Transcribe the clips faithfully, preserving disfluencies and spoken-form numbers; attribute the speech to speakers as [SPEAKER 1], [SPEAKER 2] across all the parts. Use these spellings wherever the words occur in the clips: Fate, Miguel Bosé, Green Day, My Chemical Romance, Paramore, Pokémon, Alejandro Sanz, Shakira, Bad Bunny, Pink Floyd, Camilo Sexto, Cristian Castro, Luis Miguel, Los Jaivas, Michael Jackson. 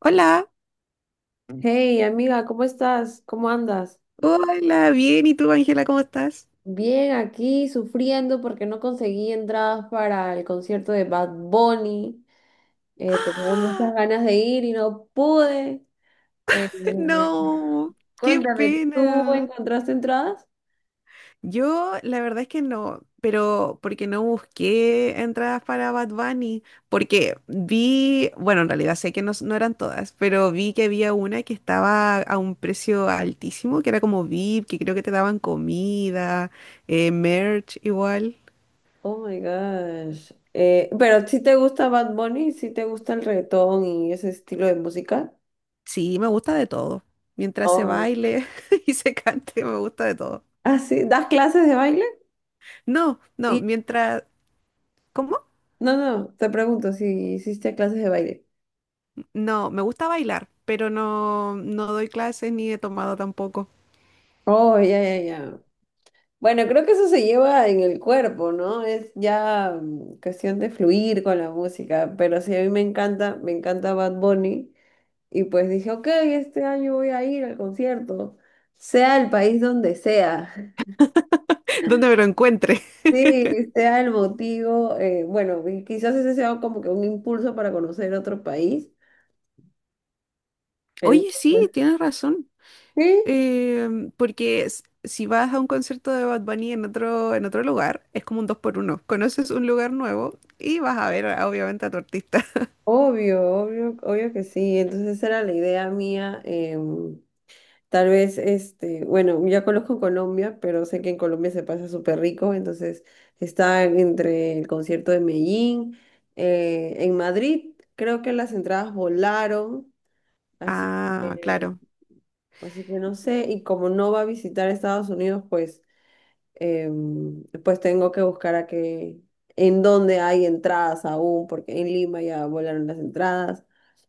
[SPEAKER 1] Hola,
[SPEAKER 2] Hey, amiga, ¿cómo estás? ¿Cómo andas?
[SPEAKER 1] hola, bien, ¿y tú, Ángela, cómo estás?
[SPEAKER 2] Bien, aquí sufriendo porque no conseguí entradas para el concierto de Bad Bunny. Eh, tenía
[SPEAKER 1] ¡Ah!
[SPEAKER 2] muchas ganas de ir y no pude. Eh,
[SPEAKER 1] No, qué
[SPEAKER 2] Cuéntame, ¿tú
[SPEAKER 1] pena.
[SPEAKER 2] encontraste entradas?
[SPEAKER 1] Yo, la verdad es que no, pero porque no busqué entradas para Bad Bunny, porque vi, bueno, en realidad sé que no, s- no eran todas, pero vi que había una que estaba a un precio altísimo, que era como V I P, que creo que te daban comida, eh, merch igual.
[SPEAKER 2] Oh my gosh. Eh, ¿pero si te gusta Bad Bunny? ¿Si te gusta el reggaetón y ese estilo de música?
[SPEAKER 1] Sí, me gusta de todo. Mientras se
[SPEAKER 2] Ay.
[SPEAKER 1] baile y se cante, me gusta de todo.
[SPEAKER 2] Ah, sí, ¿das clases de baile?
[SPEAKER 1] No, no,
[SPEAKER 2] Y
[SPEAKER 1] mientras... ¿Cómo?
[SPEAKER 2] no, no, te pregunto si hiciste clases de baile.
[SPEAKER 1] No, me gusta bailar, pero no, no doy clases ni he tomado tampoco.
[SPEAKER 2] Oh, ya, ya, ya. Bueno, creo que eso se lleva en el cuerpo, ¿no? Es ya mm, cuestión de fluir con la música, pero sí, a mí me encanta, me encanta Bad Bunny y pues dije, ok, este año voy a ir al concierto, sea el país donde sea,
[SPEAKER 1] ¿Dónde me lo encuentre?
[SPEAKER 2] sí, sea el motivo, eh, bueno, y quizás ese sea como que un impulso para conocer otro país,
[SPEAKER 1] Oye,
[SPEAKER 2] entonces,
[SPEAKER 1] sí, tienes razón.
[SPEAKER 2] sí,
[SPEAKER 1] Em, porque s- si vas a un concierto de Bad Bunny en otro, en otro lugar, es como un dos por uno. Conoces un lugar nuevo y vas a ver, obviamente, a tu artista.
[SPEAKER 2] obvio, obvio, obvio que sí. Entonces esa era la idea mía. Eh, Tal vez, este, bueno, ya conozco Colombia, pero sé que en Colombia se pasa súper rico, entonces está entre el concierto de Medellín, eh, en Madrid creo que las entradas volaron, así
[SPEAKER 1] Ah,
[SPEAKER 2] que,
[SPEAKER 1] claro.
[SPEAKER 2] así que no sé, y como no va a visitar Estados Unidos, pues, em, pues tengo que buscar a que, en dónde hay entradas aún, porque en Lima ya volaron las entradas.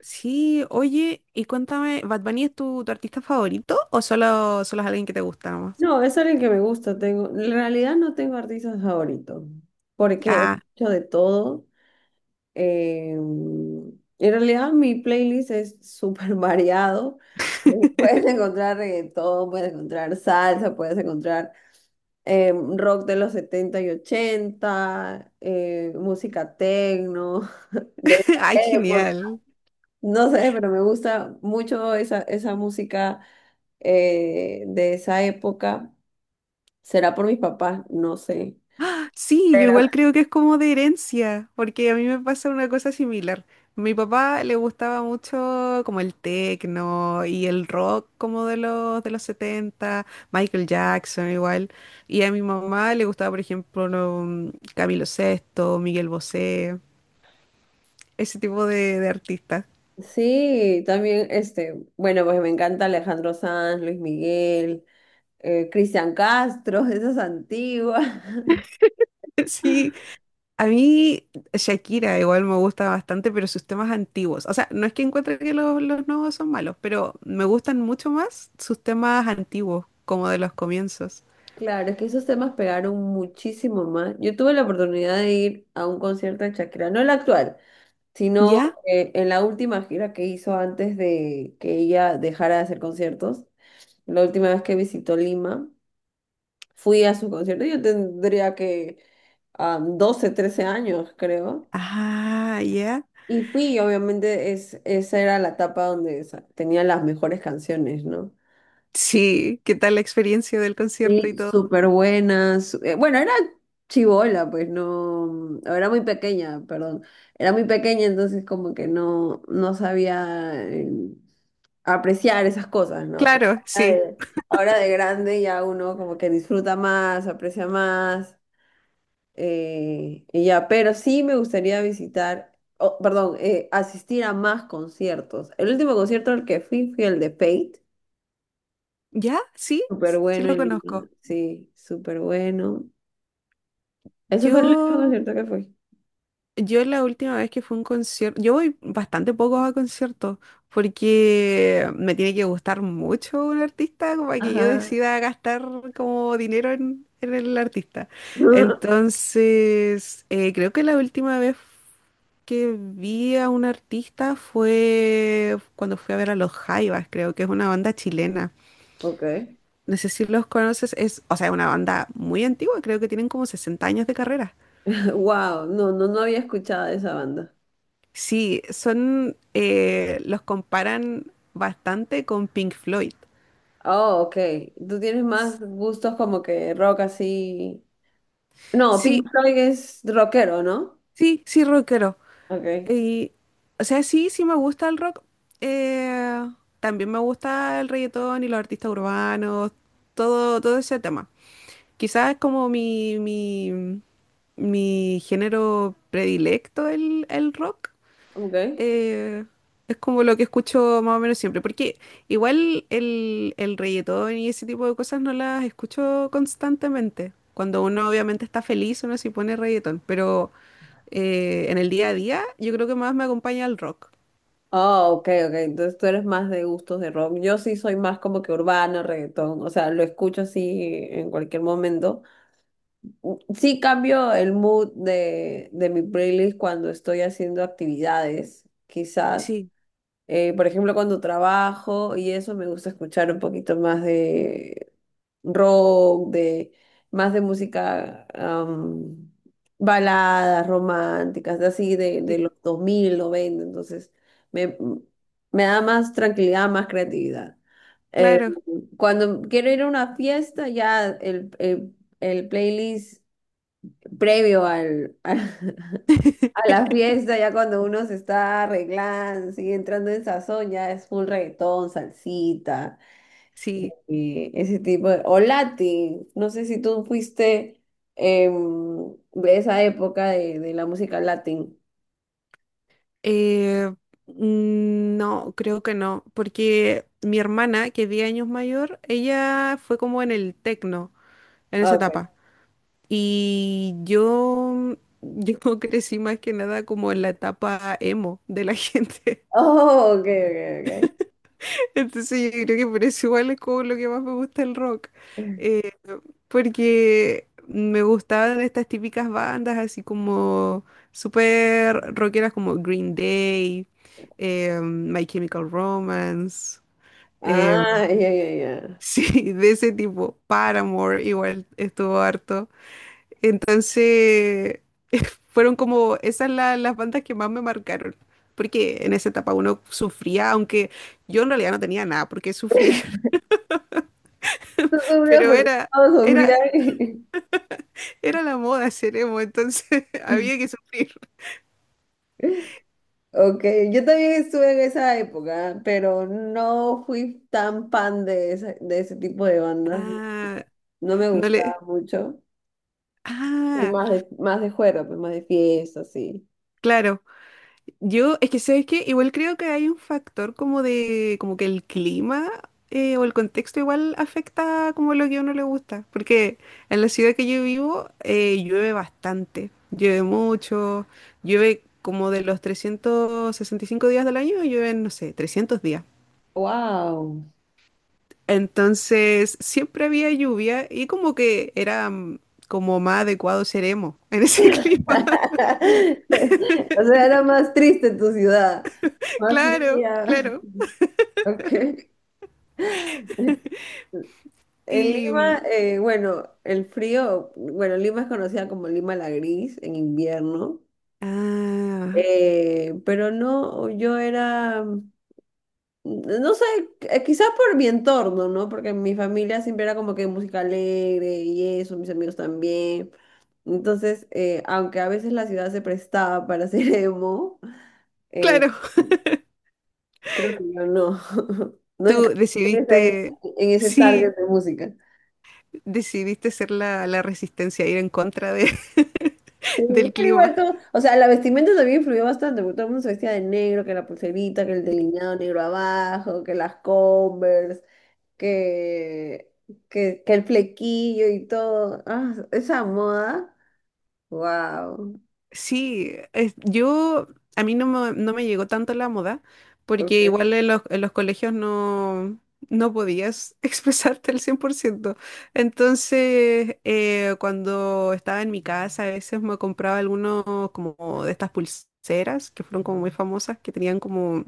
[SPEAKER 1] Sí, oye, y cuéntame, ¿Bad Bunny es tu, tu artista favorito o solo, solo es alguien que te gusta nomás?
[SPEAKER 2] No, es alguien que me gusta. Tengo, en realidad no tengo artistas favoritos, porque
[SPEAKER 1] Ah,
[SPEAKER 2] escucho de todo. Eh, en realidad mi playlist es súper variado. Eh, Puedes encontrar reggaetón, puedes encontrar salsa, puedes encontrar eh, rock de los setenta y ochenta, eh, música techno de
[SPEAKER 1] ay,
[SPEAKER 2] esa época.
[SPEAKER 1] genial.
[SPEAKER 2] No sé, pero me gusta mucho esa, esa música eh, de esa época. ¿Será por mis papás? No sé.
[SPEAKER 1] Sí, yo
[SPEAKER 2] Pero
[SPEAKER 1] igual creo que es como de herencia, porque a mí me pasa una cosa similar. Mi papá le gustaba mucho como el techno y el rock como de los de los setenta, Michael Jackson igual, y a mi mamá le gustaba, por ejemplo, lo, mm, Camilo Sexto, Miguel Bosé, ese tipo de, de artistas.
[SPEAKER 2] sí, también, este, bueno, pues me encanta Alejandro Sanz, Luis Miguel, eh, Cristian Castro, esas antiguas.
[SPEAKER 1] Sí, a mí Shakira igual me gusta bastante, pero sus temas antiguos. O sea, no es que encuentre que los, los nuevos son malos, pero me gustan mucho más sus temas antiguos, como de los comienzos.
[SPEAKER 2] Claro, es que esos temas pegaron muchísimo más. Yo tuve la oportunidad de ir a un concierto de Shakira, no el actual, sino
[SPEAKER 1] ¿Ya?
[SPEAKER 2] eh, en la última gira que hizo antes de que ella dejara de hacer conciertos. La última vez que visitó Lima, fui a su concierto. Yo tendría que ah, doce, trece años, creo.
[SPEAKER 1] Ah, ya.
[SPEAKER 2] Y fui, obviamente, es, esa era la etapa donde sa- tenía las mejores canciones, ¿no?
[SPEAKER 1] Sí, ¿qué tal la experiencia del concierto y
[SPEAKER 2] Y
[SPEAKER 1] todo?
[SPEAKER 2] súper buenas. Eh, Bueno, era chibola, pues no, era muy pequeña, perdón. Era muy pequeña, entonces como que no, no sabía eh, apreciar esas cosas, ¿no? Pero
[SPEAKER 1] Claro,
[SPEAKER 2] ahora
[SPEAKER 1] sí.
[SPEAKER 2] de, ahora de grande ya uno como que disfruta más, aprecia más. Eh, y ya, pero sí me gustaría visitar, oh, perdón, eh, asistir a más conciertos. El último concierto al que fui fue el de Fate.
[SPEAKER 1] ¿Ya? Sí,
[SPEAKER 2] Súper
[SPEAKER 1] sí
[SPEAKER 2] bueno
[SPEAKER 1] lo
[SPEAKER 2] en Lima.
[SPEAKER 1] conozco.
[SPEAKER 2] Sí, súper bueno. Eso fue el último
[SPEAKER 1] Yo
[SPEAKER 2] concierto que fui.
[SPEAKER 1] Yo la última vez que fue un concierto, yo voy bastante poco a conciertos porque me tiene que gustar mucho un artista como para que yo
[SPEAKER 2] Ajá.
[SPEAKER 1] decida gastar como dinero en, en el artista. Entonces, eh, creo que la última vez que vi a un artista fue cuando fui a ver a Los Jaivas, creo que es una banda chilena.
[SPEAKER 2] Ok.
[SPEAKER 1] No sé si los conoces, es, o sea, es una banda muy antigua, creo que tienen como sesenta años de carrera.
[SPEAKER 2] Wow, no, no, no había escuchado de esa banda.
[SPEAKER 1] Sí, son, eh, los comparan bastante con Pink Floyd.
[SPEAKER 2] Oh, ok. Tú tienes más gustos como que rock así. No, Pink
[SPEAKER 1] Sí,
[SPEAKER 2] Floyd es rockero, ¿no?
[SPEAKER 1] sí, sí, rockero.
[SPEAKER 2] Ok,
[SPEAKER 1] Y, o sea, sí, sí me gusta el rock. Eh, también me gusta el reggaetón y los artistas urbanos, todo, todo ese tema. Quizás es como mi, mi, mi género predilecto el, el rock,
[SPEAKER 2] ok.
[SPEAKER 1] eh, es como lo que escucho más o menos siempre, porque igual el, el reggaetón y ese tipo de cosas no las escucho constantemente. Cuando uno obviamente está feliz, uno sí pone reggaetón, pero eh, en el día a día yo creo que más me acompaña el rock.
[SPEAKER 2] Ah, ok, ok. Entonces tú eres más de gustos de rock. Yo sí soy más como que urbano, reggaetón. O sea, lo escucho así en cualquier momento. Sí cambio el mood de, de mi playlist cuando estoy haciendo actividades, quizás.
[SPEAKER 1] Sí,
[SPEAKER 2] Eh, por ejemplo, cuando trabajo y eso me gusta escuchar un poquito más rock, de más de música am, baladas románticas, de así de,
[SPEAKER 1] sí,
[SPEAKER 2] de los dos mil noventa, entonces me, me da más tranquilidad, más creatividad. Eh,
[SPEAKER 1] claro.
[SPEAKER 2] cuando quiero ir a una fiesta, ya el, el- el playlist previo al, a la fiesta, ya cuando uno se está arreglando, sigue entrando en sazón, ya es full reggaetón, salsita,
[SPEAKER 1] Sí.
[SPEAKER 2] eh, ese tipo de... O Latin, no sé si tú fuiste em, de esa época de, de la música Latin.
[SPEAKER 1] Eh, mm, no, creo que no, porque mi hermana, que es diez años mayor, ella fue como en el tecno, en
[SPEAKER 2] Ah,
[SPEAKER 1] esa
[SPEAKER 2] ok.
[SPEAKER 1] etapa. Y yo, yo crecí más que nada como en la etapa emo de la gente.
[SPEAKER 2] Oh, ok, ok,
[SPEAKER 1] Entonces yo creo que por eso igual es como lo que más me gusta el rock.
[SPEAKER 2] ok.
[SPEAKER 1] Eh, porque me gustaban estas típicas bandas así como súper rockeras como Green Day, eh, My Chemical Romance. eh,
[SPEAKER 2] Ah, ya, ya, ya.
[SPEAKER 1] sí, de ese tipo. Paramore igual estuvo harto. Entonces, fueron como esas la- las bandas que más me marcaron. Porque en esa etapa uno sufría, aunque yo en realidad no tenía nada por qué sufrir,
[SPEAKER 2] Tú sufrías
[SPEAKER 1] pero
[SPEAKER 2] porque
[SPEAKER 1] era,
[SPEAKER 2] todos
[SPEAKER 1] era,
[SPEAKER 2] sufrían.
[SPEAKER 1] era la moda ser emo, entonces había que sufrir.
[SPEAKER 2] Ok, yo también estuve en esa época, pero no fui tan fan de, ese de ese tipo de bandas.
[SPEAKER 1] Ah,
[SPEAKER 2] No me
[SPEAKER 1] no le.
[SPEAKER 2] gustaba mucho. Fui
[SPEAKER 1] Ah,
[SPEAKER 2] más de, más de juerga, pues, más de fiesta, sí.
[SPEAKER 1] claro. Yo, es que sabes que igual creo que hay un factor como de, como que el clima eh, o el contexto igual afecta como lo que a uno le gusta, porque en la ciudad que yo vivo eh, llueve bastante, llueve mucho, llueve como de los trescientos sesenta y cinco días del año, llueven, no sé, trescientos días.
[SPEAKER 2] Wow.
[SPEAKER 1] Entonces siempre había lluvia y como que era mm, como más adecuado ser emo en ese clima.
[SPEAKER 2] O sea, era más triste tu ciudad, más
[SPEAKER 1] Claro,
[SPEAKER 2] fría.
[SPEAKER 1] claro.
[SPEAKER 2] Ok. En
[SPEAKER 1] Y...
[SPEAKER 2] Lima,
[SPEAKER 1] mm,
[SPEAKER 2] eh, bueno, el frío, bueno, Lima es conocida como Lima la Gris en invierno,
[SPEAKER 1] ah,
[SPEAKER 2] eh, pero no, yo era, mm, no sé, eh, quizás por mi entorno, ¿no? Porque mi familia siempre era como que música alegre y eso, mis amigos también. Entonces, eh, aunque a veces la ciudad se prestaba para hacer emo, eh,
[SPEAKER 1] claro.
[SPEAKER 2] creo que yo no. No
[SPEAKER 1] Tú
[SPEAKER 2] encajo en, esa-
[SPEAKER 1] decidiste,
[SPEAKER 2] en ese target
[SPEAKER 1] sí,
[SPEAKER 2] de música.
[SPEAKER 1] decidiste ser la, la resistencia, ir en contra de-
[SPEAKER 2] Sí,
[SPEAKER 1] del
[SPEAKER 2] pero
[SPEAKER 1] clima.
[SPEAKER 2] igual todo, o sea, la vestimenta también influyó bastante, porque todo el mundo se vestía de negro, que la pulserita, que el delineado negro abajo, que las Converse, que, que, que el flequillo y todo. Ah, esa moda, wow.
[SPEAKER 1] Sí, es- yo, a mí no me, no me llegó tanto la moda, porque igual en los, en los colegios no, no podías expresarte al cien por ciento. Entonces, eh, cuando estaba en mi casa, a veces me compraba algunos como de estas pulseras, que fueron como muy famosas, que tenían como,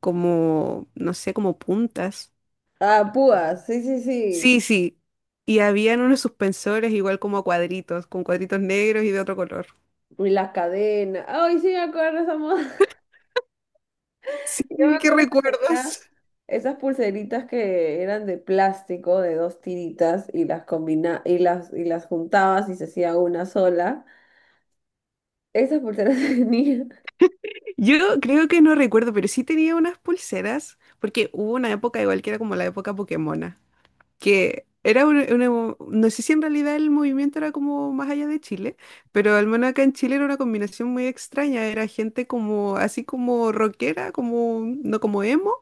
[SPEAKER 1] como, no sé, como puntas.
[SPEAKER 2] Ah, púas, sí, sí, sí.
[SPEAKER 1] Sí, sí. Y habían unos suspensores igual como a cuadritos, con cuadritos negros y de otro color.
[SPEAKER 2] Y las cadenas. Ay, sí me acuerdo de esa moda.
[SPEAKER 1] Sí,
[SPEAKER 2] Yo me
[SPEAKER 1] qué
[SPEAKER 2] acuerdo que tenía.
[SPEAKER 1] recuerdos.
[SPEAKER 2] Esas pulseritas que eran de plástico, de dos tiritas, y las combina y las, y las juntabas y se hacía una sola. Esas pulseras venían
[SPEAKER 1] Yo creo que no recuerdo, pero sí tenía unas pulseras, porque hubo una época igual que era como la época Pokémona, que era un- una, no sé si en realidad el movimiento era como más allá de Chile, pero al menos acá en Chile era una combinación muy extraña, era gente como, así como rockera, como, no como emo,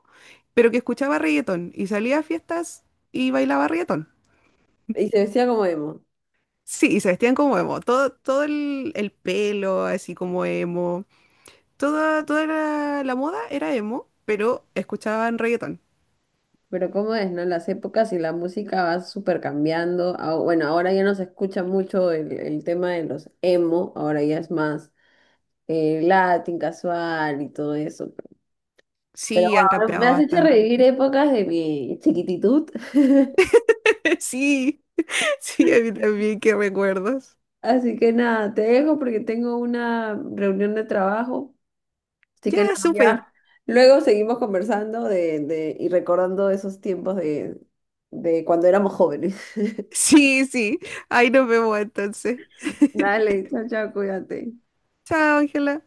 [SPEAKER 1] pero que escuchaba reggaetón y salía a fiestas y bailaba reggaetón.
[SPEAKER 2] y se decía como emo.
[SPEAKER 1] Sí, y se vestían como emo. Todo, todo el, el pelo, así como emo. Toda, toda la, la moda era emo, pero escuchaban reggaetón.
[SPEAKER 2] Pero cómo es, ¿no? Las épocas y la música va súper cambiando. Ah, bueno, ahora ya no se escucha mucho el, el tema de los emo, ahora ya es más eh, Latin, casual y todo eso. Pero
[SPEAKER 1] Sí, han
[SPEAKER 2] wow, me
[SPEAKER 1] cambiado
[SPEAKER 2] has hecho
[SPEAKER 1] bastante.
[SPEAKER 2] revivir épocas de mi chiquititud.
[SPEAKER 1] Sí, sí, a mí también, qué recuerdos.
[SPEAKER 2] Así que nada, te dejo porque tengo una reunión de trabajo. Así que
[SPEAKER 1] Ya,
[SPEAKER 2] nada,
[SPEAKER 1] súper.
[SPEAKER 2] ya. Luego seguimos conversando de, de, y recordando esos tiempos de, de cuando éramos jóvenes.
[SPEAKER 1] Sí, sí. Ahí nos vemos entonces.
[SPEAKER 2] Dale, chao, chao, cuídate.
[SPEAKER 1] Chao, Ángela.